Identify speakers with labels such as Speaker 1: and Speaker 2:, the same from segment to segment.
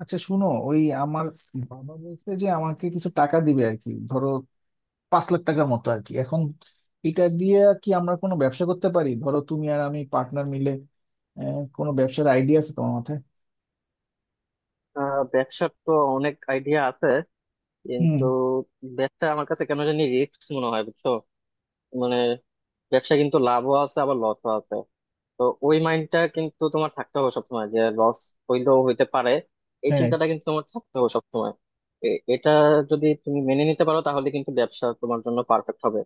Speaker 1: আচ্ছা, শুনো, ওই আমার বাবা বলছে যে আমাকে কিছু টাকা দিবে আর কি, ধরো 5 লাখ টাকার মতো আর কি। এখন এটা দিয়ে কি আমরা কোনো ব্যবসা করতে পারি? ধরো তুমি আর আমি পার্টনার মিলে। কোনো ব্যবসার আইডিয়া আছে তোমার মাথায়?
Speaker 2: ব্যবসার তো অনেক আইডিয়া আছে
Speaker 1: হুম।
Speaker 2: কিন্তু ব্যবসা আমার কাছে কেন জানি রিস্ক মনে হয়, বুঝছো? মানে ব্যবসা কিন্তু লাভও আছে, আবার লসও আছে। তো ওই মাইন্ডটা কিন্তু তোমার থাকতে হবে সবসময় যে লস হইলেও হইতে পারে। এই
Speaker 1: হ্যাঁ
Speaker 2: চিন্তাটা কিন্তু তোমার থাকতে হবে সবসময়। এটা যদি তুমি মেনে নিতে পারো তাহলে কিন্তু ব্যবসা তোমার জন্য পারফেক্ট হবে।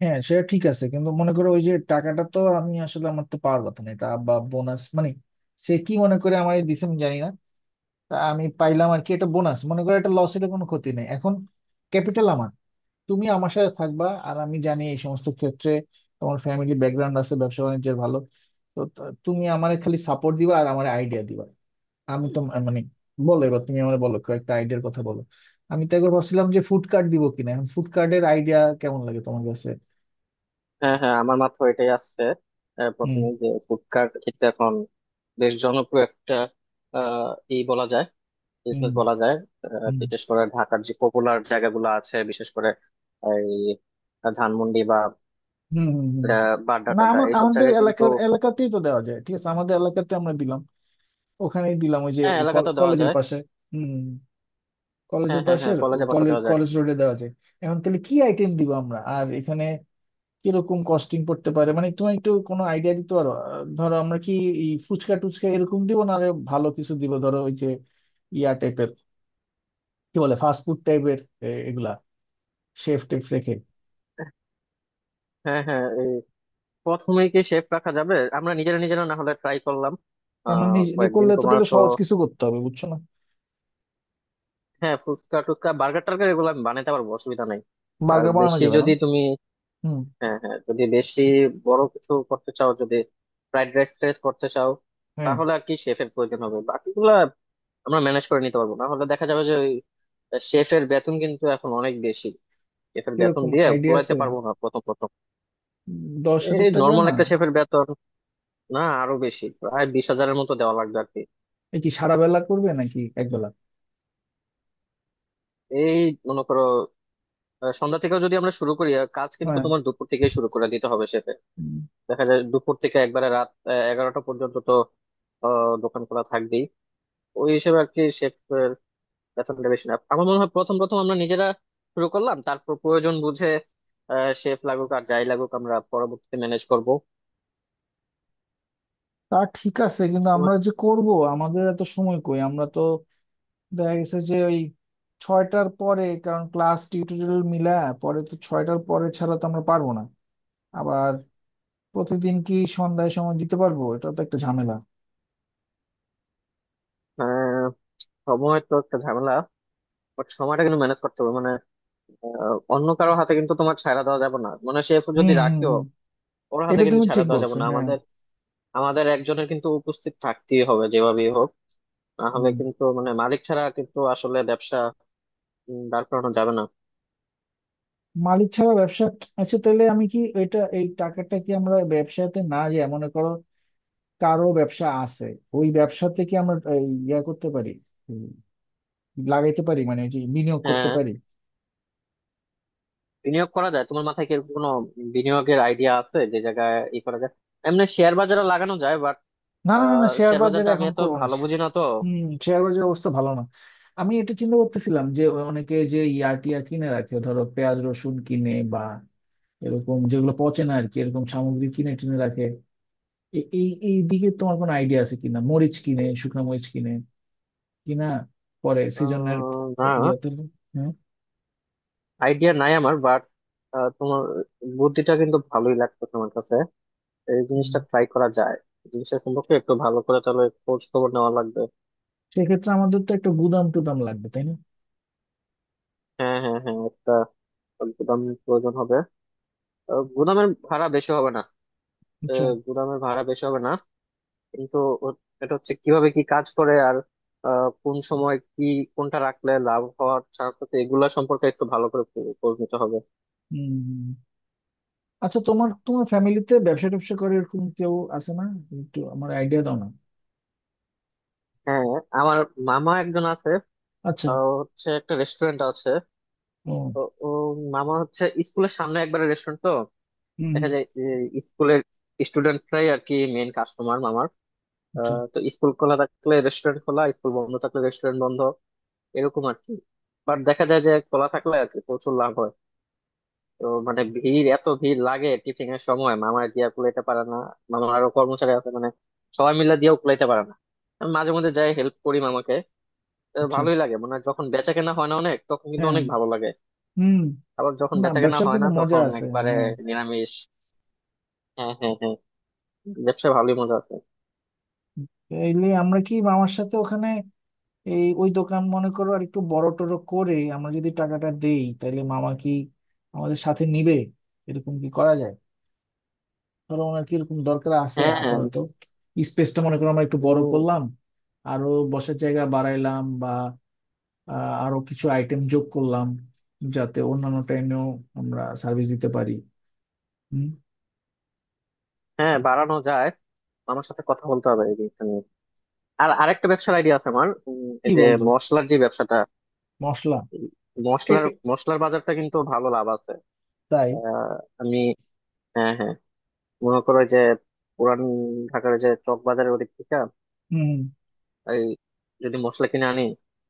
Speaker 1: হ্যাঁ, সেটা ঠিক আছে, কিন্তু মনে করো ওই যে টাকাটা তো আমি আসলে আমার তো পাওয়ার কথা না, এটা বা বোনাস মানে সে কি মনে করে আমার দিছে আমি জানি না। তা আমি পাইলাম আর কি, এটা বোনাস মনে করো, এটা লসের কোনো ক্ষতি নেই। এখন ক্যাপিটাল আমার, তুমি আমার সাথে থাকবা, আর আমি জানি এই সমস্ত ক্ষেত্রে তোমার ফ্যামিলি ব্যাকগ্রাউন্ড আছে ব্যবসা বাণিজ্যের ভালো। তো তুমি আমার খালি সাপোর্ট দিবা আর আমার আইডিয়া দিবা। আমি তো মানে বলো, এবার তুমি আমার বলো, কয়েকটা আইডিয়ার কথা বলো। আমি তো একবার ভাবছিলাম যে ফুড কার্ট দিব কিনা। এখন ফুড কার্টের আইডিয়া কেমন লাগে তোমার কাছে?
Speaker 2: হ্যাঁ, হ্যাঁ, আমার মাথায় এটাই আসছে।
Speaker 1: হুম।
Speaker 2: প্রথমে যে ফুড কার্ট কিন্তু এখন বেশ জনপ্রিয় একটা আহ ই বলা যায়,
Speaker 1: হুম
Speaker 2: বিজনেস বলা যায়।
Speaker 1: হুম।
Speaker 2: বিশেষ করে ঢাকার যে পপুলার জায়গাগুলো আছে, বিশেষ করে এই ধানমন্ডি বা
Speaker 1: হুম হুম হুম।
Speaker 2: বাড্ডা
Speaker 1: না,
Speaker 2: টাড্ডা
Speaker 1: আমার
Speaker 2: এইসব
Speaker 1: আমাদের
Speaker 2: জায়গায় কিন্তু।
Speaker 1: এলাকার এলাকাতেই তো দেওয়া যায়। ঠিক আছে, আমাদের এলাকাতে আমরা দিলাম, ওখানেই দিলাম, ওই যে
Speaker 2: হ্যাঁ,
Speaker 1: ওই
Speaker 2: এলাকা তো দেওয়া
Speaker 1: কলেজের
Speaker 2: যায়।
Speaker 1: পাশে। হুম।
Speaker 2: হ্যাঁ,
Speaker 1: কলেজের
Speaker 2: হ্যাঁ, হ্যাঁ,
Speaker 1: পাশের
Speaker 2: কলেজে বাসা
Speaker 1: কলেজ,
Speaker 2: দেওয়া যায়।
Speaker 1: কলেজ রোডে দেওয়া যায়। এখন তাহলে কি আইটেম দিব আমরা আর এখানে কিরকম কস্টিং পড়তে পারে? মানে তুমি একটু কোনো আইডিয়া দিতে পারো? ধরো আমরা কি এই ফুচকা টুচকা এরকম দিব, না আরো ভালো কিছু দিব? ধরো ওই যে ইয়া টাইপের, কি বলে, ফাস্টফুড টাইপের এগুলা, শেফ টেফ রেখে।
Speaker 2: হ্যাঁ, হ্যাঁ, এই প্রথমে কি শেপ রাখা যাবে? আমরা নিজেরা নিজেরা না হলে ট্রাই করলাম
Speaker 1: আমরা নিজে
Speaker 2: কয়েকদিন,
Speaker 1: করলে তো
Speaker 2: তোমার
Speaker 1: তাহলে
Speaker 2: তো।
Speaker 1: সহজ কিছু করতে হবে, বুঝছো না।
Speaker 2: হ্যাঁ, ফুচকা টুচকা বার্গার টার্গার এগুলো আমি বানাইতে পারবো, অসুবিধা নাই। আর
Speaker 1: বার্গার বানানো
Speaker 2: বেশি
Speaker 1: যাবে না।
Speaker 2: যদি তুমি,
Speaker 1: হুম।
Speaker 2: হ্যাঁ, হ্যাঁ, যদি বেশি বড় কিছু করতে চাও, যদি ফ্রাইড রাইস ট্রাইস করতে চাও,
Speaker 1: হ্যাঁ।
Speaker 2: তাহলে আর কি শেফের প্রয়োজন হবে। বাকিগুলা আমরা ম্যানেজ করে নিতে পারবো, না হলে দেখা যাবে যে ওই শেফের বেতন কিন্তু এখন অনেক বেশি। শেফের বেতন
Speaker 1: কিরকম
Speaker 2: দিয়ে
Speaker 1: আইডিয়া
Speaker 2: কুলাইতে
Speaker 1: আছে?
Speaker 2: পারবো না প্রথম প্রথম।
Speaker 1: দশ
Speaker 2: এই
Speaker 1: হাজার টাকা
Speaker 2: নর্মাল
Speaker 1: না?
Speaker 2: একটা শেফের বেতন, না আরো বেশি, প্রায় 20,000-এর মতো দেওয়া লাগবে আর কি।
Speaker 1: এ কি সারা বেলা করবে নাকি এক বেলা?
Speaker 2: এই মনে করো সন্ধ্যা থেকেও যদি আমরা শুরু করি, আর কাজ কিন্তু
Speaker 1: হ্যাঁ।
Speaker 2: তোমার দুপুর থেকেই শুরু করে দিতে হবে শেফের। দেখা যায় দুপুর থেকে একবারে রাত 11টা পর্যন্ত তো দোকান খোলা থাকবে। ওই হিসেবে আর কি শেফের বেতনটা বেশি না আমার মনে হয়। প্রথম প্রথম আমরা নিজেরা শুরু করলাম, তারপর প্রয়োজন বুঝে শেফ লাগুক আর যাই লাগুক আমরা পরবর্তীতে ম্যানেজ করবো।
Speaker 1: তা ঠিক আছে, কিন্তু
Speaker 2: তোমার,
Speaker 1: আমরা যে করব, আমাদের এত সময় কই? আমরা তো দেখা গেছে যে ওই ছয়টার পরে, কারণ ক্লাস টিউটোরিয়াল মিলা পরে তো ছয়টার পরে ছাড়া তো আমরা পারবো না। আবার প্রতিদিন কি সন্ধ্যায় সময় দিতে পারবো, এটা তো একটা ঝামেলা।
Speaker 2: আহ, সময় তো একটা ঝামেলা। বাট সময়টা কিন্তু ম্যানেজ করতে হবে। মানে অন্য কারো হাতে কিন্তু তোমার ছাড়া দেওয়া যাবে না, মানে শেফ যদি
Speaker 1: হুম হুম
Speaker 2: রাখিও
Speaker 1: হুম।
Speaker 2: ওর হাতে
Speaker 1: এটা
Speaker 2: কিন্তু
Speaker 1: তুমি
Speaker 2: ছাড়া
Speaker 1: ঠিক
Speaker 2: দেওয়া যাবে
Speaker 1: বলছো,
Speaker 2: না
Speaker 1: হ্যাঁ।
Speaker 2: আমাদের। আমাদের একজনের কিন্তু উপস্থিত থাকতেই হবে যেভাবেই হোক। না হলে
Speaker 1: হুম।
Speaker 2: কিন্তু মানে মালিক ছাড়া কিন্তু আসলে ব্যবসা দাঁড় করানো যাবে না।
Speaker 1: মালিক ছাড়া ব্যবসা। আচ্ছা, তাহলে আমি কি এটা এই টাকাটা কি আমরা ব্যবসাতে, না যে মনে করো কারো ব্যবসা আছে, ওই ব্যবসাতে কি আমরা এই ইয়া করতে পারি, উম, লাগাইতে পারি, মানে ওই যে বিনিয়োগ করতে
Speaker 2: হ্যাঁ,
Speaker 1: পারি?
Speaker 2: বিনিয়োগ করা যায়। তোমার মাথায় কি এরকম কোনো বিনিয়োগের আইডিয়া আছে যে জায়গায় ই করা যায়? এমনি শেয়ার বাজারে লাগানো যায় বাট
Speaker 1: না না না না, শেয়ার
Speaker 2: শেয়ার
Speaker 1: বাজারে
Speaker 2: বাজারটা আমি
Speaker 1: এখন
Speaker 2: এত
Speaker 1: করবো না।
Speaker 2: ভালো বুঝি না তো।
Speaker 1: হম, শেয়ার বাজারের অবস্থা ভালো না। আমি এটা চিন্তা করতেছিলাম যে অনেকে যে ইয়া টিয়া কিনে রাখে, ধরো পেঁয়াজ রসুন কিনে, বা এরকম যেগুলো পচে না আর কি, এরকম সামগ্রী কিনে টিনে রাখে। এই এই দিকে তোমার কোনো আইডিয়া আছে কিনা? মরিচ কিনে, শুকনো মরিচ কিনে কিনা, পরে সিজনের
Speaker 2: না,
Speaker 1: ইয়াতে। হ্যাঁ।
Speaker 2: আইডিয়া নাই আমার। বাট তোমার বুদ্ধিটা কিন্তু ভালোই লাগতেছে আমার কাছে। এই
Speaker 1: হুম।
Speaker 2: জিনিসটা ট্রাই করা যায়। জিনিসটা সম্পর্কে একটু ভালো করে তাহলে খোঁজ খবর নেওয়া লাগবে।
Speaker 1: সেক্ষেত্রে আমাদের তো একটা গুদাম টুদাম লাগবে, তাই না?
Speaker 2: হ্যাঁ, হ্যাঁ, হ্যাঁ, একটা গুদাম প্রয়োজন হবে। গুদামের ভাড়া বেশি হবে না।
Speaker 1: আচ্ছা।
Speaker 2: গুদামের ভাড়া বেশি হবে না কিন্তু ও- এটা হচ্ছে কিভাবে, কি কাজ করে আর কোন সময় কি কোনটা রাখলে লাভ হওয়ার চান্স আছে এগুলা সম্পর্কে একটু ভালো করে খোঁজ নিতে হবে।
Speaker 1: হম। আচ্ছা, তোমার তোমার ফ্যামিলিতে ব্যবসা ট্যাবসা করে এরকম কেউ আছে না? একটু আমার আইডিয়া দাও না।
Speaker 2: হ্যাঁ, আমার মামা একজন আছে।
Speaker 1: আচ্ছা।
Speaker 2: হচ্ছে একটা রেস্টুরেন্ট আছে
Speaker 1: ও।
Speaker 2: তো। ও মামা হচ্ছে স্কুলের সামনে একবারে রেস্টুরেন্ট তো।
Speaker 1: হুম হুম।
Speaker 2: দেখা যায় যে স্কুলের স্টুডেন্টরাই আর কি মেন কাস্টমার মামার।
Speaker 1: আচ্ছা।
Speaker 2: তো স্কুল খোলা থাকলে রেস্টুরেন্ট খোলা, স্কুল বন্ধ থাকলে রেস্টুরেন্ট বন্ধ, এরকম আর কি। বাট দেখা যায় যে খোলা থাকলে আর কি প্রচুর লাভ হয়। তো মানে ভিড়, এত ভিড় লাগে টিফিন এর সময় মামা দিয়া কুলাইতে পারে না। মামার আরো কর্মচারী আছে, মানে সবাই মিলে দিয়েও কুলাইতে পারে না। আমি মাঝে মধ্যে যাই হেল্প করি মামাকে। তো
Speaker 1: আচ্ছা।
Speaker 2: ভালোই লাগে, মানে যখন বেচা কেনা হয় না অনেক তখন কিন্তু
Speaker 1: হ্যাঁ।
Speaker 2: অনেক ভালো লাগে।
Speaker 1: হুম।
Speaker 2: আবার যখন
Speaker 1: না,
Speaker 2: বেচা কেনা
Speaker 1: ব্যবসার
Speaker 2: হয় না
Speaker 1: কিন্তু মজা
Speaker 2: তখন
Speaker 1: আছে।
Speaker 2: একবারে
Speaker 1: হ্যাঁ।
Speaker 2: নিরামিষ। হ্যাঁ, হ্যাঁ, হ্যাঁ, ব্যবসা ভালোই মজা আছে।
Speaker 1: এইলে আমরা কি মামার সাথে ওখানে, এই ওই দোকান মনে করো আর একটু বড় টড় করে আমরা যদি টাকাটা দেই, তাহলে মামা কি আমাদের সাথে নিবে, এরকম কি করা যায়? ধরো ওনার কি এরকম দরকার আছে
Speaker 2: হ্যাঁ, হ্যাঁ,
Speaker 1: আপাতত? স্পেসটা মনে করো আমরা একটু বড়
Speaker 2: উম,
Speaker 1: করলাম, আরো বসার জায়গা বাড়াইলাম, বা আরো কিছু আইটেম যোগ করলাম, যাতে অন্যান্য টাইমেও আমরা সার্ভিস দিতে পারি। হুম।
Speaker 2: হ্যাঁ বাড়ানো যায়। আমার সাথে কথা বলতে হবে এই জিনিসটা নিয়ে। আর আরেকটা ব্যবসার আইডিয়া আছে আমার, এই
Speaker 1: কি
Speaker 2: যে
Speaker 1: বলতো?
Speaker 2: মশলার যে ব্যবসাটা,
Speaker 1: মশলা?
Speaker 2: উম,
Speaker 1: এ-
Speaker 2: মশলার
Speaker 1: এ-
Speaker 2: মশলার বাজারটা কিন্তু ভালো লাভ আছে।
Speaker 1: তাই?
Speaker 2: আহ, আমি হ্যাঁ, হ্যাঁ, মনে করো যে পুরান ঢাকার যে চক বাজারের ওদিক থেকে
Speaker 1: হুম
Speaker 2: এই যদি মশলা কিনে আনি,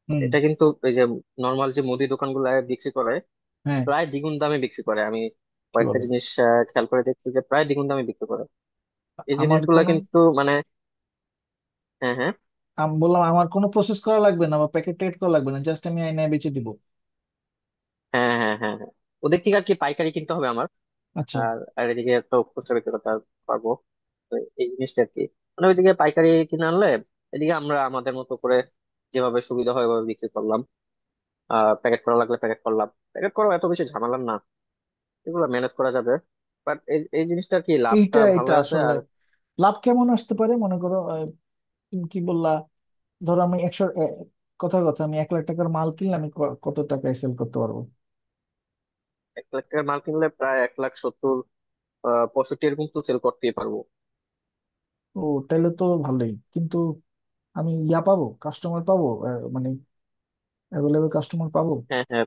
Speaker 1: হুম।
Speaker 2: এটা কিন্তু এই যে নর্মাল যে মুদি দোকানগুলো বিক্রি করে
Speaker 1: হ্যাঁ।
Speaker 2: প্রায় দ্বিগুণ দামে বিক্রি করে। আমি
Speaker 1: কি
Speaker 2: কয়েকটা
Speaker 1: বলো?
Speaker 2: জিনিস খেয়াল করে দেখছি যে প্রায় দ্বিগুণ দামে বিক্রি করে। এই
Speaker 1: আমার
Speaker 2: জিনিসগুলা
Speaker 1: কোনো,
Speaker 2: কিন্তু মানে হ্যাঁ, হ্যাঁ,
Speaker 1: আমি বললাম, আমার কোনো প্রসেস করা লাগবে না বা প্যাকেট ট্যাকেট করা লাগবে না, জাস্ট আমি আয়নায় বেচে দিব।
Speaker 2: হ্যাঁ, হ্যাঁ, হ্যাঁ, হ্যাঁ, ওদের থেকে আর কি পাইকারি কিনতে হবে আমার।
Speaker 1: আচ্ছা।
Speaker 2: আর আর এদিকে তো খুচরা বিক্রি করতে পারবো। তো এই জিনিসটা আর কি, মানে ওইদিকে পাইকারি কিনে আনলে এদিকে আমরা আমাদের মতো করে যেভাবে সুবিধা হয় ওভাবে বিক্রি করলাম। প্যাকেট করা লাগলে প্যাকেট করলাম, প্যাকেট করা এত বেশি ঝামেলার না, এগুলো ম্যানেজ করা যাবে। বাট এই এই জিনিসটা কি লাভটা
Speaker 1: এইটা,
Speaker 2: ভালো
Speaker 1: এটা
Speaker 2: আছে
Speaker 1: আসলে
Speaker 2: আর
Speaker 1: লাভ কেমন আসতে পারে মনে করো? তুমি কি বললা? ধরো আমি 100, কথা কথা আমি 1 লাখ টাকার মাল কিনলে আমি কত টাকায় সেল করতে পারবো?
Speaker 2: 1,00,000 টাকার মাল কিনলে প্রায় 1,70,000, 65, এরকম তো সেল করতেই পারবো।
Speaker 1: ও, তাহলে তো ভালোই কিন্তু। আমি ইয়া পাবো, কাস্টমার পাবো, মানে অ্যাভেলেবল কাস্টমার পাবো।
Speaker 2: হ্যাঁ, হ্যাঁ,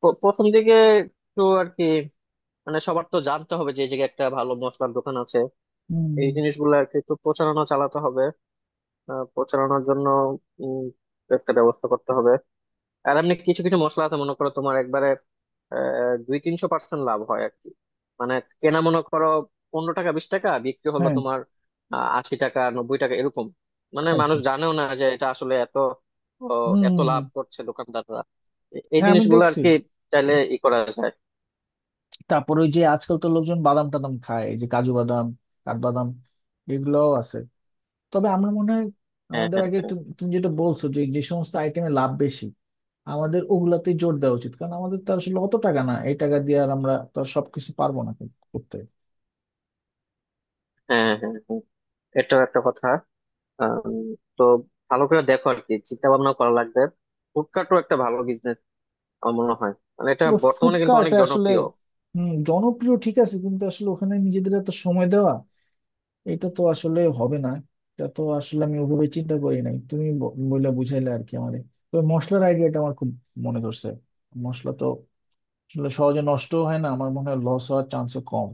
Speaker 2: প্রথম দিকে একটু আর কি, মানে সবার তো জানতে হবে যে এই জায়গায় একটা ভালো মশলার দোকান আছে।
Speaker 1: হুম।
Speaker 2: এই জিনিসগুলো আর কি একটু প্রচারণা চালাতে হবে। প্রচারণার জন্য উম, একটা ব্যবস্থা করতে হবে। আর এমনি কিছু কিছু মশলা আছে মনে করো তোমার একবারে 200-300% লাভ হয় আর কি। মানে কেনা মনে করো 15 টাকা, 20 টাকা, বিক্রি হলো
Speaker 1: হ্যাঁ।
Speaker 2: তোমার 80 টাকা, 90 টাকা, এরকম। মানে
Speaker 1: খাইছে।
Speaker 2: মানুষ জানেও না যে এটা আসলে এত ও, এত
Speaker 1: হুম।
Speaker 2: লাভ করছে দোকানদাররা। এই
Speaker 1: হ্যাঁ, আমি
Speaker 2: জিনিসগুলো আর
Speaker 1: দেখছি।
Speaker 2: কি চাইলে ই করা যায়।
Speaker 1: তারপর ওই যে আজকাল তো লোকজন বাদাম টাদাম খায়, এই যে কাজু বাদাম, কাঠবাদাম, এগুলোও আছে। তবে আমার মনে হয়
Speaker 2: হ্যাঁ,
Speaker 1: আমাদের
Speaker 2: হ্যাঁ,
Speaker 1: আগে
Speaker 2: হ্যাঁ,
Speaker 1: তুমি তুমি যেটা বলছো যে যে সমস্ত আইটেমে লাভ বেশি, আমাদের ওগুলাতে জোর দেওয়া উচিত, কারণ আমাদের তো আসলে অত টাকা না, এই টাকা দিয়ে আর আমরা তো আর সবকিছু পারবো না করতে।
Speaker 2: হ্যাঁ, হ্যাঁ, হ্যাঁ। হ্যাঁ। এটাও একটা কথা। আম, তো ভালো করে দেখো আর কি, চিন্তা ভাবনা করা লাগবে। ফুডকার্টও একটা ভালো বিজনেস আমার মনে হয়, মানে এটা
Speaker 1: তবে ফুড
Speaker 2: বর্তমানে কিন্তু
Speaker 1: কার্ট
Speaker 2: অনেক
Speaker 1: আসলে,
Speaker 2: জনপ্রিয়।
Speaker 1: হম, জনপ্রিয় ঠিক আছে, কিন্তু আসলে ওখানে নিজেদের এত সময় দেওয়া, এটা তো আসলে হবে না। এটা তো আসলে আমি ওভাবে চিন্তা করি নাই, তুমি বইলা বুঝাইলে আর কি আমারে। তো মশলার আইডিয়াটা আমার খুব মনে ধরছে। মশলা তো আসলে সহজে নষ্ট হয় না, আমার মনে হয় লস হওয়ার চান্স কম।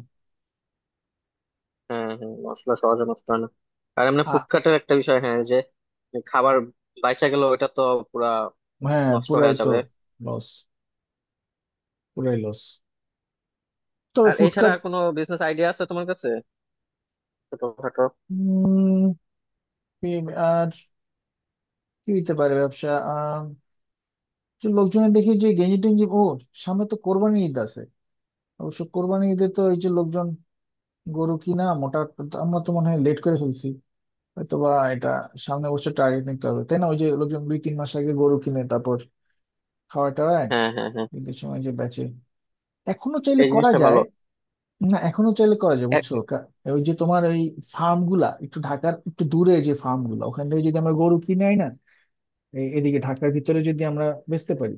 Speaker 2: হ্যাঁ, হ্যাঁ, মশলা সহজে নষ্ট হয় না। আর এমনি
Speaker 1: আ।
Speaker 2: ফুডকার্টের একটা বিষয় হ্যাঁ যে খাবার বাইচা গেল এটা তো পুরা
Speaker 1: হ্যাঁ,
Speaker 2: নষ্ট
Speaker 1: পুরাই
Speaker 2: হয়ে
Speaker 1: তো
Speaker 2: যাবে।
Speaker 1: লস, পুরাই লস। তবে
Speaker 2: আর এছাড়া
Speaker 1: ফুডকার্ট,
Speaker 2: আর কোনো বিজনেস আইডিয়া আছে তোমার কাছে ছোটখাটো?
Speaker 1: আর কি হইতে পারে ব্যবসা? আহ যে লোকজনের দেখি যে গেঞ্জি টেঞ্জি, ও, সামনে তো কোরবানি ঈদ আছে। অবশ্য কোরবানি ঈদে তো এই যে লোকজন গরু কিনা মোটা, আমরা তো মনে হয় লেট করে ফেলছি, হয়তো বা এটা সামনের বছর টার্গেট নিতে হবে তাই না? ওই যে লোকজন দুই তিন মাস আগে গরু কিনে তারপর খাওয়ায় টাওয়ায়
Speaker 2: হ্যাঁ, হ্যাঁ, হ্যাঁ,
Speaker 1: ঈদের সময় যে বেচে, এখনো চাইলে
Speaker 2: এই
Speaker 1: করা
Speaker 2: জিনিসটা ভালো।
Speaker 1: যায়। না, এখনো চাইলে করা যায়,
Speaker 2: এক-
Speaker 1: বুঝছো ওই যে তোমার ওই ফার্ম গুলা একটু ঢাকার একটু দূরে যে ফার্ম গুলা, ওখান থেকে যদি আমরা গরু কিনে আই না, এদিকে ঢাকার ভিতরে যদি আমরা বেচতে পারি,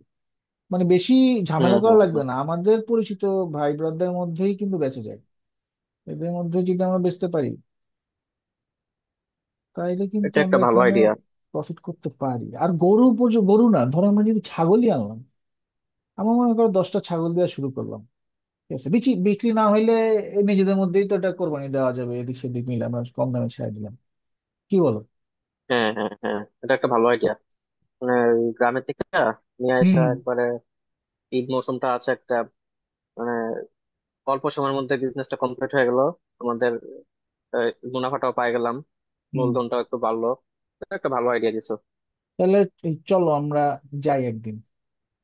Speaker 1: মানে বেশি
Speaker 2: হুম,
Speaker 1: ঝামেলা করা
Speaker 2: হুম,
Speaker 1: লাগবে
Speaker 2: হুম,
Speaker 1: না, আমাদের পরিচিত ভাই ব্রাদারদের মধ্যেই কিন্তু বেচে যায়। এদের মধ্যে যদি আমরা বেচতে পারি, তাইলে কিন্তু
Speaker 2: এটা একটা
Speaker 1: আমরা
Speaker 2: ভালো
Speaker 1: এখানে
Speaker 2: আইডিয়া।
Speaker 1: প্রফিট করতে পারি। আর গরু পর্যন্ত, গরু না, ধরো আমরা যদি ছাগলই আনলাম, আমার মনে করো 10টা ছাগল দেওয়া শুরু করলাম। ঠিক আছে, বিচি বিক্রি না হইলে নিজেদের মধ্যেই তো এটা কোরবানি দেওয়া যাবে, এদিক সেদিক মিলে আমরা কম দামে ছেড়ে দিলাম। কি বলো?
Speaker 2: হ্যাঁ, হ্যাঁ, হ্যাঁ, এটা একটা ভালো আইডিয়া। মানে ওই গ্রামের থেকে নিয়ে
Speaker 1: হুম
Speaker 2: আসা
Speaker 1: হুম
Speaker 2: একবারে। ঈদ মৌসুমটা আছে একটা, মানে অল্প সময়ের মধ্যে বিজনেসটা কমপ্লিট হয়ে গেল আমাদের। এই মুনাফাটাও পাই গেলাম,
Speaker 1: হুম।
Speaker 2: মূলধনটাও একটু বাড়লো। এটা একটা ভালো আইডিয়া দিছো।
Speaker 1: তাহলে এই চলো আমরা যাই একদিন।